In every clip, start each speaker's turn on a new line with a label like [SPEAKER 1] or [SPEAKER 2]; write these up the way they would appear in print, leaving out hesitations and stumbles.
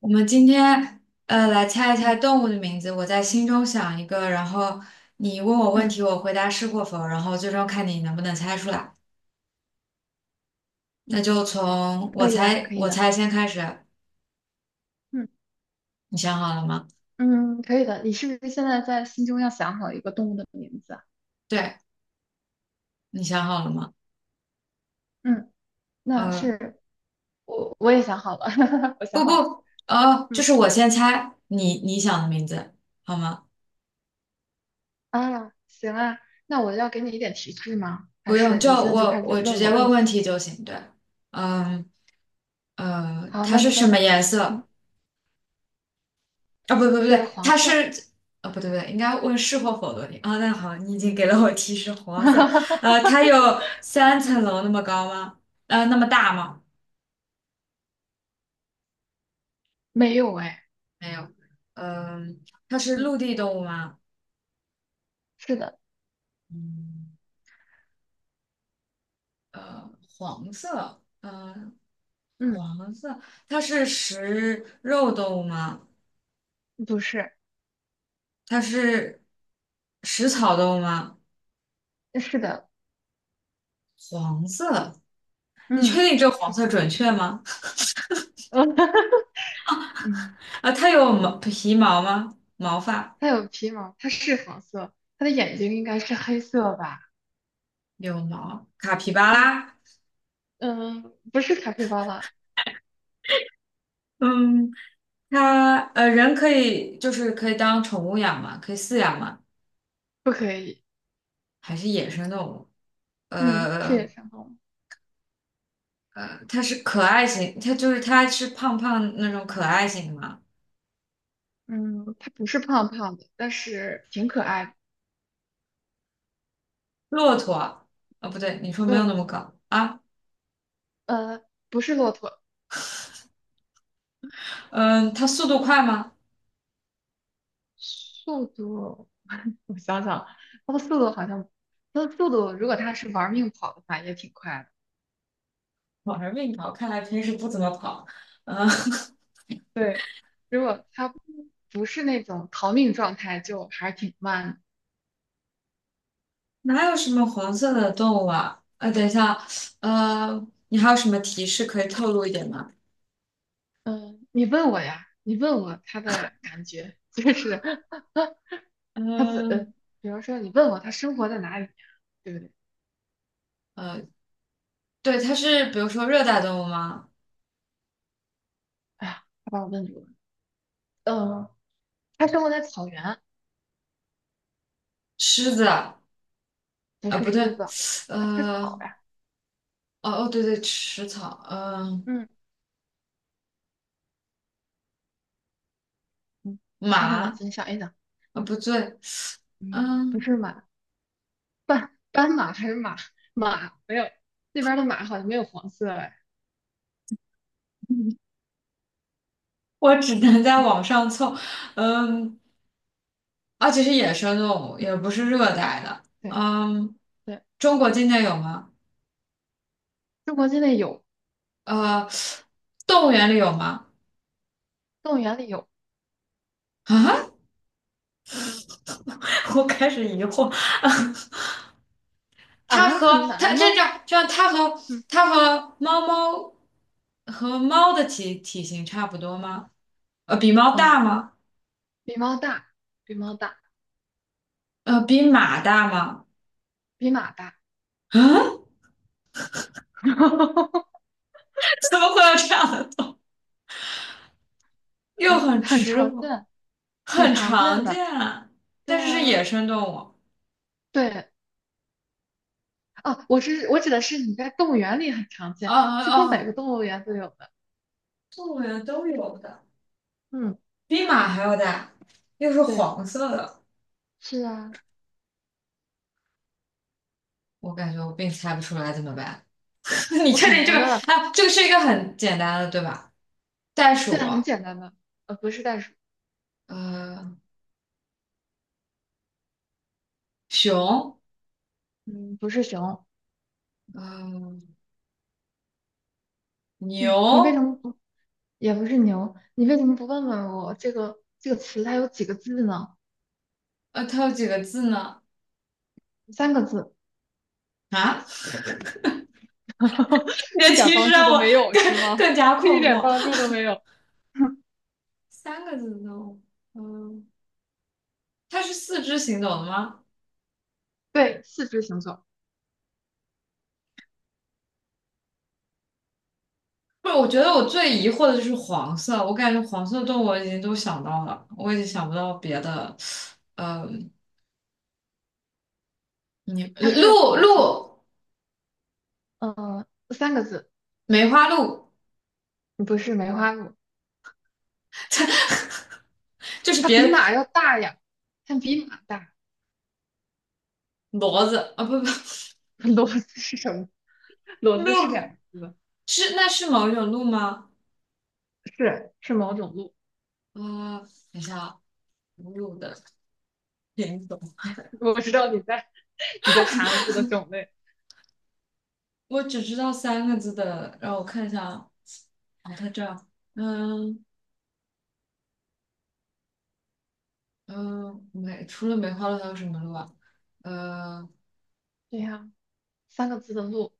[SPEAKER 1] 我们今天来猜一猜
[SPEAKER 2] 嗯
[SPEAKER 1] 动物的名字，我在心中想一个，然后你问我问
[SPEAKER 2] 嗯，
[SPEAKER 1] 题，我回答是或否，然后最终看你能不能猜出来。那就从我
[SPEAKER 2] 可以啊，
[SPEAKER 1] 猜
[SPEAKER 2] 可以
[SPEAKER 1] 我
[SPEAKER 2] 的，
[SPEAKER 1] 猜先开始，
[SPEAKER 2] 嗯
[SPEAKER 1] 你想好了吗？
[SPEAKER 2] 嗯，可以的。你是不是现在在心中要想好一个动物的名字啊？
[SPEAKER 1] 对，你想好了吗？
[SPEAKER 2] 嗯，那
[SPEAKER 1] 嗯，
[SPEAKER 2] 是我也想好了，我想
[SPEAKER 1] 不
[SPEAKER 2] 好了。
[SPEAKER 1] 不，哦，就
[SPEAKER 2] 嗯
[SPEAKER 1] 是我先猜你想的名字，好吗？
[SPEAKER 2] 啊，行啊，那我要给你一点提示吗？还
[SPEAKER 1] 不用，
[SPEAKER 2] 是
[SPEAKER 1] 就
[SPEAKER 2] 你现在就开
[SPEAKER 1] 我
[SPEAKER 2] 始
[SPEAKER 1] 我直
[SPEAKER 2] 问
[SPEAKER 1] 接
[SPEAKER 2] 我问
[SPEAKER 1] 问问
[SPEAKER 2] 题？
[SPEAKER 1] 题就行。对，嗯，
[SPEAKER 2] 好，
[SPEAKER 1] 它
[SPEAKER 2] 那
[SPEAKER 1] 是
[SPEAKER 2] 你
[SPEAKER 1] 什
[SPEAKER 2] 问
[SPEAKER 1] 么
[SPEAKER 2] 吧。
[SPEAKER 1] 颜
[SPEAKER 2] 嗯，
[SPEAKER 1] 色？啊，不不不
[SPEAKER 2] 是
[SPEAKER 1] 对，
[SPEAKER 2] 黄色。
[SPEAKER 1] 啊，不对不对，应该问是或否的问题啊。那好，你已经给了我提示，黄色。它有三
[SPEAKER 2] 嗯，
[SPEAKER 1] 层楼那么高吗？那么大吗？
[SPEAKER 2] 没有哎。
[SPEAKER 1] 没有。嗯，它是
[SPEAKER 2] 嗯，
[SPEAKER 1] 陆地动物吗？
[SPEAKER 2] 是的。
[SPEAKER 1] 嗯，呃，黄色，嗯，
[SPEAKER 2] 嗯，
[SPEAKER 1] 黄色，它是食肉动物吗？
[SPEAKER 2] 不是，
[SPEAKER 1] 它是食草动物吗？
[SPEAKER 2] 是的。
[SPEAKER 1] 黄色，你确
[SPEAKER 2] 嗯，
[SPEAKER 1] 定这个黄
[SPEAKER 2] 是
[SPEAKER 1] 色
[SPEAKER 2] 黄
[SPEAKER 1] 准
[SPEAKER 2] 色。
[SPEAKER 1] 确吗？
[SPEAKER 2] 嗯。
[SPEAKER 1] 啊，它有皮毛吗？毛发？
[SPEAKER 2] 它有皮毛，它是黄色，它的眼睛应该是黑色吧？
[SPEAKER 1] 有毛，卡皮巴
[SPEAKER 2] 嗯
[SPEAKER 1] 拉。
[SPEAKER 2] 嗯，不是卡皮巴拉，
[SPEAKER 1] 嗯，它人可以就是可以当宠物养嘛，可以饲养嘛，
[SPEAKER 2] 不可以。
[SPEAKER 1] 还是野生动物？
[SPEAKER 2] 嗯，谢
[SPEAKER 1] 呃
[SPEAKER 2] 谢生动物。
[SPEAKER 1] 它是可爱型，它就是它是胖胖那种可爱型的嘛。
[SPEAKER 2] 嗯，它不是胖胖的，但是挺可爱的。
[SPEAKER 1] 骆驼啊，哦不对，你说没有那
[SPEAKER 2] 呃
[SPEAKER 1] 么高啊？
[SPEAKER 2] 呃，不是骆驼，
[SPEAKER 1] 嗯，它速度快吗？
[SPEAKER 2] 速度，我想想，它的速度好像，它的速度，如果它是玩命跑的话，也挺快的。
[SPEAKER 1] 我还是慢跑，看来平时不怎么跑。嗯，
[SPEAKER 2] 对，如果它不是那种逃命状态，就还是挺慢的。
[SPEAKER 1] 哪有什么黄色的动物啊？等一下，你还有什么提示可以透露一点吗？
[SPEAKER 2] 嗯，你问我呀，你问我他的感觉，就是 他怎，呃，
[SPEAKER 1] 嗯。
[SPEAKER 2] 比如说你问我他生活在哪里呀，对不对？
[SPEAKER 1] 呃。对，它是比如说热带动物吗？
[SPEAKER 2] 哎呀，他把我问住了。嗯，他生活在草原，
[SPEAKER 1] 狮子啊，
[SPEAKER 2] 不是
[SPEAKER 1] 不对，
[SPEAKER 2] 狮子，他吃草
[SPEAKER 1] 呃，
[SPEAKER 2] 呀。
[SPEAKER 1] 哦哦，对对，食草，嗯，
[SPEAKER 2] 嗯嗯，开动脑
[SPEAKER 1] 马
[SPEAKER 2] 筋想一想，
[SPEAKER 1] 啊，不对，
[SPEAKER 2] 嗯，不
[SPEAKER 1] 嗯，
[SPEAKER 2] 是马，斑马还是马没有，那边儿的马好像没有黄色哎。
[SPEAKER 1] 我只能在
[SPEAKER 2] 嗯
[SPEAKER 1] 网上凑，嗯，而且是野生动物，
[SPEAKER 2] 嗯，
[SPEAKER 1] 也不是热带的，
[SPEAKER 2] 对
[SPEAKER 1] 嗯，
[SPEAKER 2] 对，
[SPEAKER 1] 中国境内有吗？
[SPEAKER 2] 中国境内有，
[SPEAKER 1] 呃，动物园里有吗？
[SPEAKER 2] 动物园里有
[SPEAKER 1] 啊，我开始疑惑，它
[SPEAKER 2] 啊，很
[SPEAKER 1] 和
[SPEAKER 2] 难
[SPEAKER 1] 它这
[SPEAKER 2] 吗？
[SPEAKER 1] 叫这样它和
[SPEAKER 2] 嗯，
[SPEAKER 1] 它和猫猫和猫的体型差不多吗？比猫
[SPEAKER 2] 嗯，
[SPEAKER 1] 大吗？
[SPEAKER 2] 比猫大，比猫大，
[SPEAKER 1] 比马大吗？
[SPEAKER 2] 比马大，
[SPEAKER 1] 啊，怎么会有这样的动物？又很
[SPEAKER 2] 很
[SPEAKER 1] 吃
[SPEAKER 2] 常
[SPEAKER 1] 苦，
[SPEAKER 2] 见，很
[SPEAKER 1] 很
[SPEAKER 2] 常见
[SPEAKER 1] 常
[SPEAKER 2] 的。
[SPEAKER 1] 见啊，但
[SPEAKER 2] 对
[SPEAKER 1] 是是
[SPEAKER 2] 啊，
[SPEAKER 1] 野生动物。
[SPEAKER 2] 对，哦，我指的是你在动物园里很常
[SPEAKER 1] 啊
[SPEAKER 2] 见，几乎
[SPEAKER 1] 啊
[SPEAKER 2] 每
[SPEAKER 1] 啊！
[SPEAKER 2] 个动物园都有的。
[SPEAKER 1] 动物园都有的，
[SPEAKER 2] 嗯，
[SPEAKER 1] 比马还要大，又是
[SPEAKER 2] 对，
[SPEAKER 1] 黄色的。
[SPEAKER 2] 是啊，
[SPEAKER 1] 我感觉我并猜不出来怎么办？你
[SPEAKER 2] 不
[SPEAKER 1] 确
[SPEAKER 2] 可
[SPEAKER 1] 定这
[SPEAKER 2] 能
[SPEAKER 1] 个
[SPEAKER 2] 的。
[SPEAKER 1] 啊？这个是一个很简单的，对吧？袋
[SPEAKER 2] 对
[SPEAKER 1] 鼠，
[SPEAKER 2] 啊，很简单的，不是袋鼠，
[SPEAKER 1] 呃，熊，
[SPEAKER 2] 嗯，不是熊，
[SPEAKER 1] 呃，
[SPEAKER 2] 你
[SPEAKER 1] 牛，
[SPEAKER 2] 你为什么不，也不是牛，你为什么不问问我这个词它有几个字呢？
[SPEAKER 1] 它有几个字呢？
[SPEAKER 2] 三个字，
[SPEAKER 1] 啊，你的
[SPEAKER 2] 一点儿
[SPEAKER 1] 提示
[SPEAKER 2] 帮助
[SPEAKER 1] 让
[SPEAKER 2] 都
[SPEAKER 1] 我
[SPEAKER 2] 没有
[SPEAKER 1] 更
[SPEAKER 2] 是吗？
[SPEAKER 1] 更加 困
[SPEAKER 2] 一点
[SPEAKER 1] 惑。
[SPEAKER 2] 帮助都没有。
[SPEAKER 1] 三个字动物，嗯，它是四肢行走的吗？
[SPEAKER 2] 对，四肢行走，
[SPEAKER 1] 不是，我觉得我最疑惑的就是黄色，我感觉黄色动物我已经都想到了，我已经想不到别的，嗯，你
[SPEAKER 2] 它是黄色，嗯，三个字，
[SPEAKER 1] 梅花鹿
[SPEAKER 2] 不是梅花鹿，
[SPEAKER 1] 就是
[SPEAKER 2] 它
[SPEAKER 1] 别
[SPEAKER 2] 比
[SPEAKER 1] 的
[SPEAKER 2] 马要大呀，它比马大。
[SPEAKER 1] 骡子啊，不不，
[SPEAKER 2] 骡子是什么？骡子是两
[SPEAKER 1] 鹿
[SPEAKER 2] 个字，
[SPEAKER 1] 是那是某一种鹿吗？
[SPEAKER 2] 是某种鹿。
[SPEAKER 1] 啊，等一下啊，鹿的品种，
[SPEAKER 2] 我知道你在 你在查鹿的种类。
[SPEAKER 1] 我只知道三个字的，让我看一下啊，哦，它这儿，嗯，嗯，除了梅花鹿还有什么鹿啊？呃，
[SPEAKER 2] 对呀，三个字的鹿，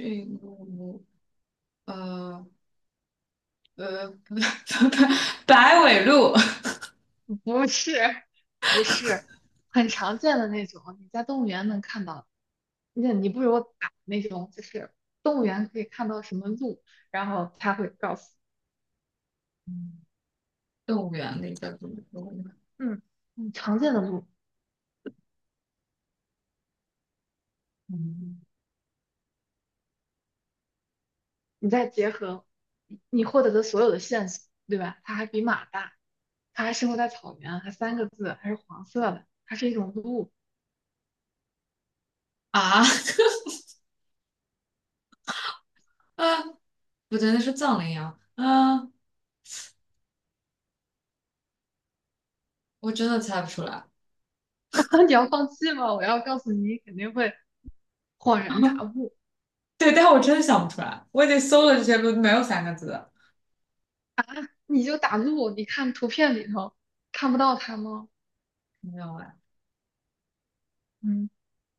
[SPEAKER 1] 驯鹿，呃不不不，白尾鹿，
[SPEAKER 2] 不是不是，很常见的那种，你在动物园能看到。那你不如打那种，就是动物园可以看到什么鹿，然后他会告诉。
[SPEAKER 1] 动物园里的鹿，
[SPEAKER 2] 嗯常见的路，
[SPEAKER 1] 嗯，
[SPEAKER 2] 你再结合你获得的所有的线索，对吧？它还比马大，它还生活在草原，还三个字，还是黄色的，它是一种鹿。
[SPEAKER 1] 啊， 啊，不对，那是藏羚羊，啊，我真的猜不出来，
[SPEAKER 2] 你要放弃吗？我要告诉你，你肯定会恍然大 悟。
[SPEAKER 1] 对，但我真的想不出来，我已经搜了这些鹿，没有三个字的，
[SPEAKER 2] 你就打鹿，你看图片里头看不到它吗？
[SPEAKER 1] 没有哎，
[SPEAKER 2] 嗯，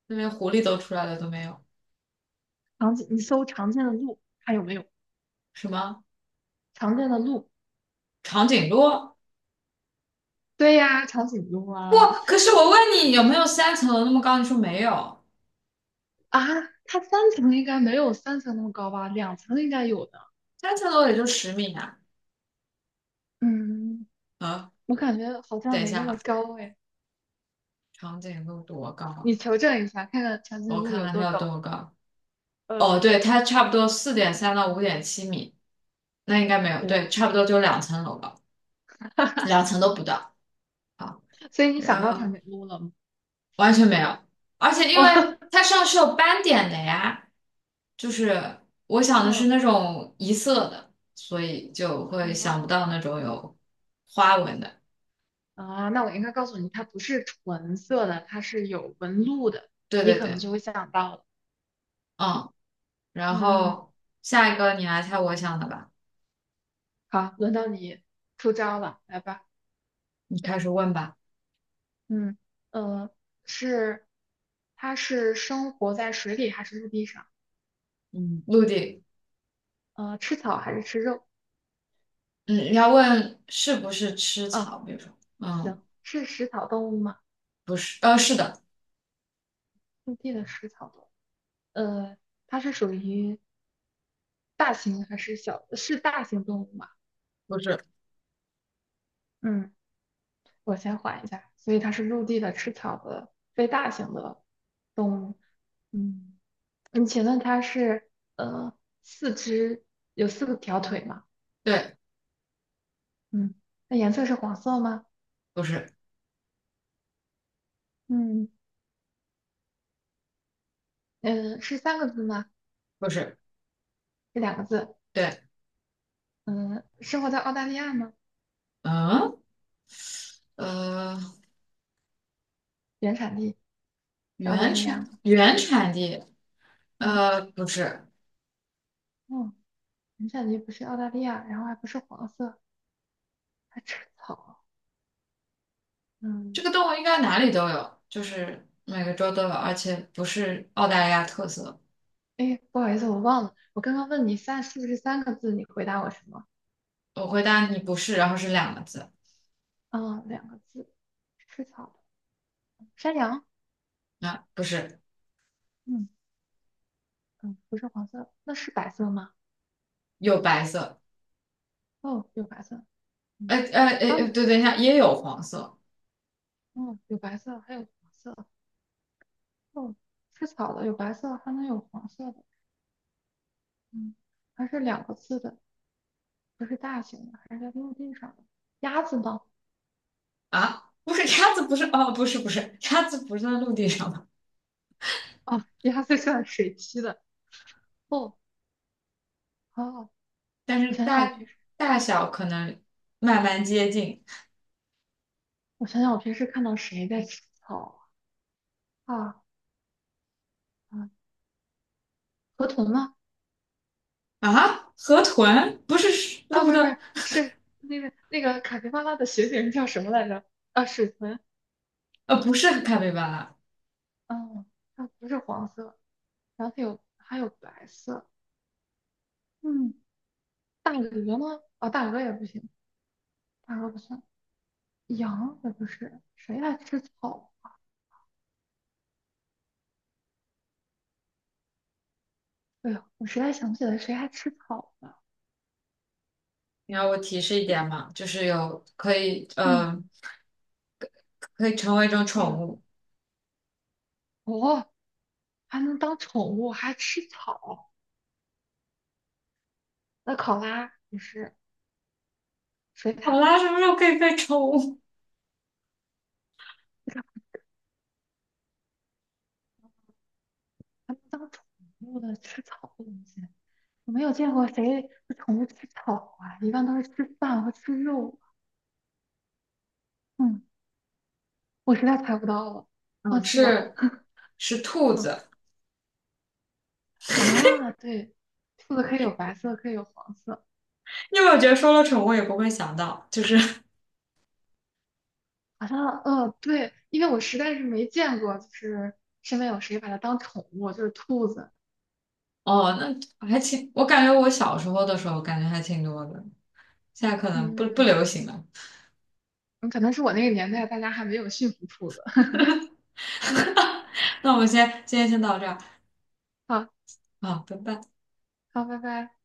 [SPEAKER 1] 这连狐狸都出来了都没有，
[SPEAKER 2] 长颈，你搜常见的鹿，看有没有
[SPEAKER 1] 什么
[SPEAKER 2] 常见的鹿。
[SPEAKER 1] 长颈鹿？
[SPEAKER 2] 对呀，长颈鹿
[SPEAKER 1] 不，
[SPEAKER 2] 啊
[SPEAKER 1] 可是我问你有没有三层楼那么高，你说没有，
[SPEAKER 2] 啊，它三层应该没有三层那么高吧？两层应该有的。
[SPEAKER 1] 三层楼也就10米啊，
[SPEAKER 2] 嗯，
[SPEAKER 1] 啊，
[SPEAKER 2] 我感觉好像
[SPEAKER 1] 等一
[SPEAKER 2] 没那
[SPEAKER 1] 下
[SPEAKER 2] 么
[SPEAKER 1] 啊，
[SPEAKER 2] 高哎，
[SPEAKER 1] 长颈鹿多高？
[SPEAKER 2] 你求证一下，看看长颈
[SPEAKER 1] 我
[SPEAKER 2] 鹿
[SPEAKER 1] 看
[SPEAKER 2] 有
[SPEAKER 1] 看它
[SPEAKER 2] 多
[SPEAKER 1] 有
[SPEAKER 2] 高，
[SPEAKER 1] 多高。
[SPEAKER 2] 呃，
[SPEAKER 1] 哦，对，它差不多4.3到5.7米，那应该没有，
[SPEAKER 2] 对吧？
[SPEAKER 1] 对，差不多就2层楼高，两层都不到。好，
[SPEAKER 2] 所以你想
[SPEAKER 1] 然
[SPEAKER 2] 到长
[SPEAKER 1] 后
[SPEAKER 2] 颈鹿了吗？
[SPEAKER 1] 完全没有，而且 因
[SPEAKER 2] 哦，
[SPEAKER 1] 为它上是有斑点的呀，就是我想的是
[SPEAKER 2] 嗯，
[SPEAKER 1] 那种一色的，所以就会想不
[SPEAKER 2] 哦，
[SPEAKER 1] 到那种有花纹的。
[SPEAKER 2] 啊，那我应该告诉你，它不是纯色的，它是有纹路的，
[SPEAKER 1] 对
[SPEAKER 2] 你
[SPEAKER 1] 对
[SPEAKER 2] 可能
[SPEAKER 1] 对，
[SPEAKER 2] 就会想到了。
[SPEAKER 1] 嗯，然
[SPEAKER 2] 嗯，
[SPEAKER 1] 后下一个你来猜我想的吧，
[SPEAKER 2] 好，轮到你出招了，来吧。
[SPEAKER 1] 你开始问吧。
[SPEAKER 2] 嗯，呃，是，它是生活在水里还是陆地上？
[SPEAKER 1] 嗯，陆地。
[SPEAKER 2] 吃草还是吃肉？
[SPEAKER 1] 嗯，你要问是不是吃
[SPEAKER 2] 啊，
[SPEAKER 1] 草，比如说，嗯，
[SPEAKER 2] 行，是食草动物吗？
[SPEAKER 1] 不是，是的，
[SPEAKER 2] 陆地的食草动物。呃，它是属于大型还是小？是大型动物吗？
[SPEAKER 1] 不是，
[SPEAKER 2] 嗯，我先缓一下，所以它是陆地的、吃草的、非大型的动物。嗯，你请问它是呃四肢有四个条腿吗？
[SPEAKER 1] 对，
[SPEAKER 2] 嗯，那颜色是黄色吗？
[SPEAKER 1] 不是，
[SPEAKER 2] 嗯，嗯，是三个字吗？
[SPEAKER 1] 不是，
[SPEAKER 2] 这两个字？
[SPEAKER 1] 对，
[SPEAKER 2] 嗯，生活在澳大利亚吗？
[SPEAKER 1] 嗯，呃，
[SPEAKER 2] 原产地是澳大
[SPEAKER 1] 原
[SPEAKER 2] 利亚
[SPEAKER 1] 产
[SPEAKER 2] 吗？
[SPEAKER 1] 原产地，
[SPEAKER 2] 嗯，
[SPEAKER 1] 不是，
[SPEAKER 2] 哦，原产地不是澳大利亚，然后还不是黄色，还吃草。
[SPEAKER 1] 这
[SPEAKER 2] 嗯。
[SPEAKER 1] 个动物应该哪里都有，就是每个州都有，而且不是澳大利亚特色。
[SPEAKER 2] 哎，不好意思，我忘了，我刚刚问你是不是三个字，你回答我什么？
[SPEAKER 1] 我回答你不是，然后是2个字，
[SPEAKER 2] 啊，两个字，吃草的山羊，
[SPEAKER 1] 啊，不是，
[SPEAKER 2] 嗯嗯，不是黄色，那是白色吗？
[SPEAKER 1] 有白色，
[SPEAKER 2] 哦，有白色，
[SPEAKER 1] 呃
[SPEAKER 2] 嗯，
[SPEAKER 1] 呃呃，
[SPEAKER 2] 斑，
[SPEAKER 1] 对，等一下，也有黄色。
[SPEAKER 2] 嗯，有白色，还有黄色，哦，吃草的有白色，还能有黄色的，嗯，还是两个字的，不是大型的，还是在陆地上的。鸭子呢？
[SPEAKER 1] 啊，不是鸭子，不是，哦，不是不是，鸭子不是在陆地上吗？
[SPEAKER 2] 哦，鸭子算水栖的，哦好。
[SPEAKER 1] 但
[SPEAKER 2] 我
[SPEAKER 1] 是
[SPEAKER 2] 想想我
[SPEAKER 1] 大
[SPEAKER 2] 平时，
[SPEAKER 1] 大小可能慢慢接近
[SPEAKER 2] 我想想我平时看到谁在吃草啊？啊嗯河豚吗？
[SPEAKER 1] 啊。河豚不是
[SPEAKER 2] 啊，
[SPEAKER 1] 鹿
[SPEAKER 2] 不是不
[SPEAKER 1] 的，
[SPEAKER 2] 是，是那个卡皮巴拉的学名叫什么来着？啊，水豚。
[SPEAKER 1] 不是咖啡巴拉。
[SPEAKER 2] 嗯，它不是黄色，然后它还有白色。嗯，大鹅吗？啊，大鹅也不行，大鹅不算。羊也不是，谁还吃草？哎呀，我实在想不起来谁还吃草了。
[SPEAKER 1] 你要我提示一点嘛，就是有可以，
[SPEAKER 2] 嗯，
[SPEAKER 1] 可以成为一种
[SPEAKER 2] 哎呦，
[SPEAKER 1] 宠物。
[SPEAKER 2] 哦，还能当宠物，还吃草？那考拉也是水獭，
[SPEAKER 1] 好啦，什么时候可以被宠物？
[SPEAKER 2] 不是还能当宠物的吃草的东西？我没有见过谁的宠物吃草啊，一般都是吃饭和吃肉。嗯，我实在猜不到了，放
[SPEAKER 1] 嗯，
[SPEAKER 2] 弃吧。
[SPEAKER 1] 是兔
[SPEAKER 2] 嗯
[SPEAKER 1] 子，
[SPEAKER 2] 啊，对，兔子可以有白色，可以有黄色，
[SPEAKER 1] 因为我觉得说了宠物也不会想到，就是
[SPEAKER 2] 好像对，因为我实在是没见过，就是身边有谁把它当宠物，就是兔子。
[SPEAKER 1] 哦，那还挺，我感觉我小时候的时候感觉还挺多的，现在可能
[SPEAKER 2] 嗯
[SPEAKER 1] 不
[SPEAKER 2] 嗯，
[SPEAKER 1] 流行了。
[SPEAKER 2] 嗯可能是我那个年代大家还没有驯服兔子。
[SPEAKER 1] 那我们今天先到这儿
[SPEAKER 2] 好，
[SPEAKER 1] 啊，拜拜。
[SPEAKER 2] 好，拜拜。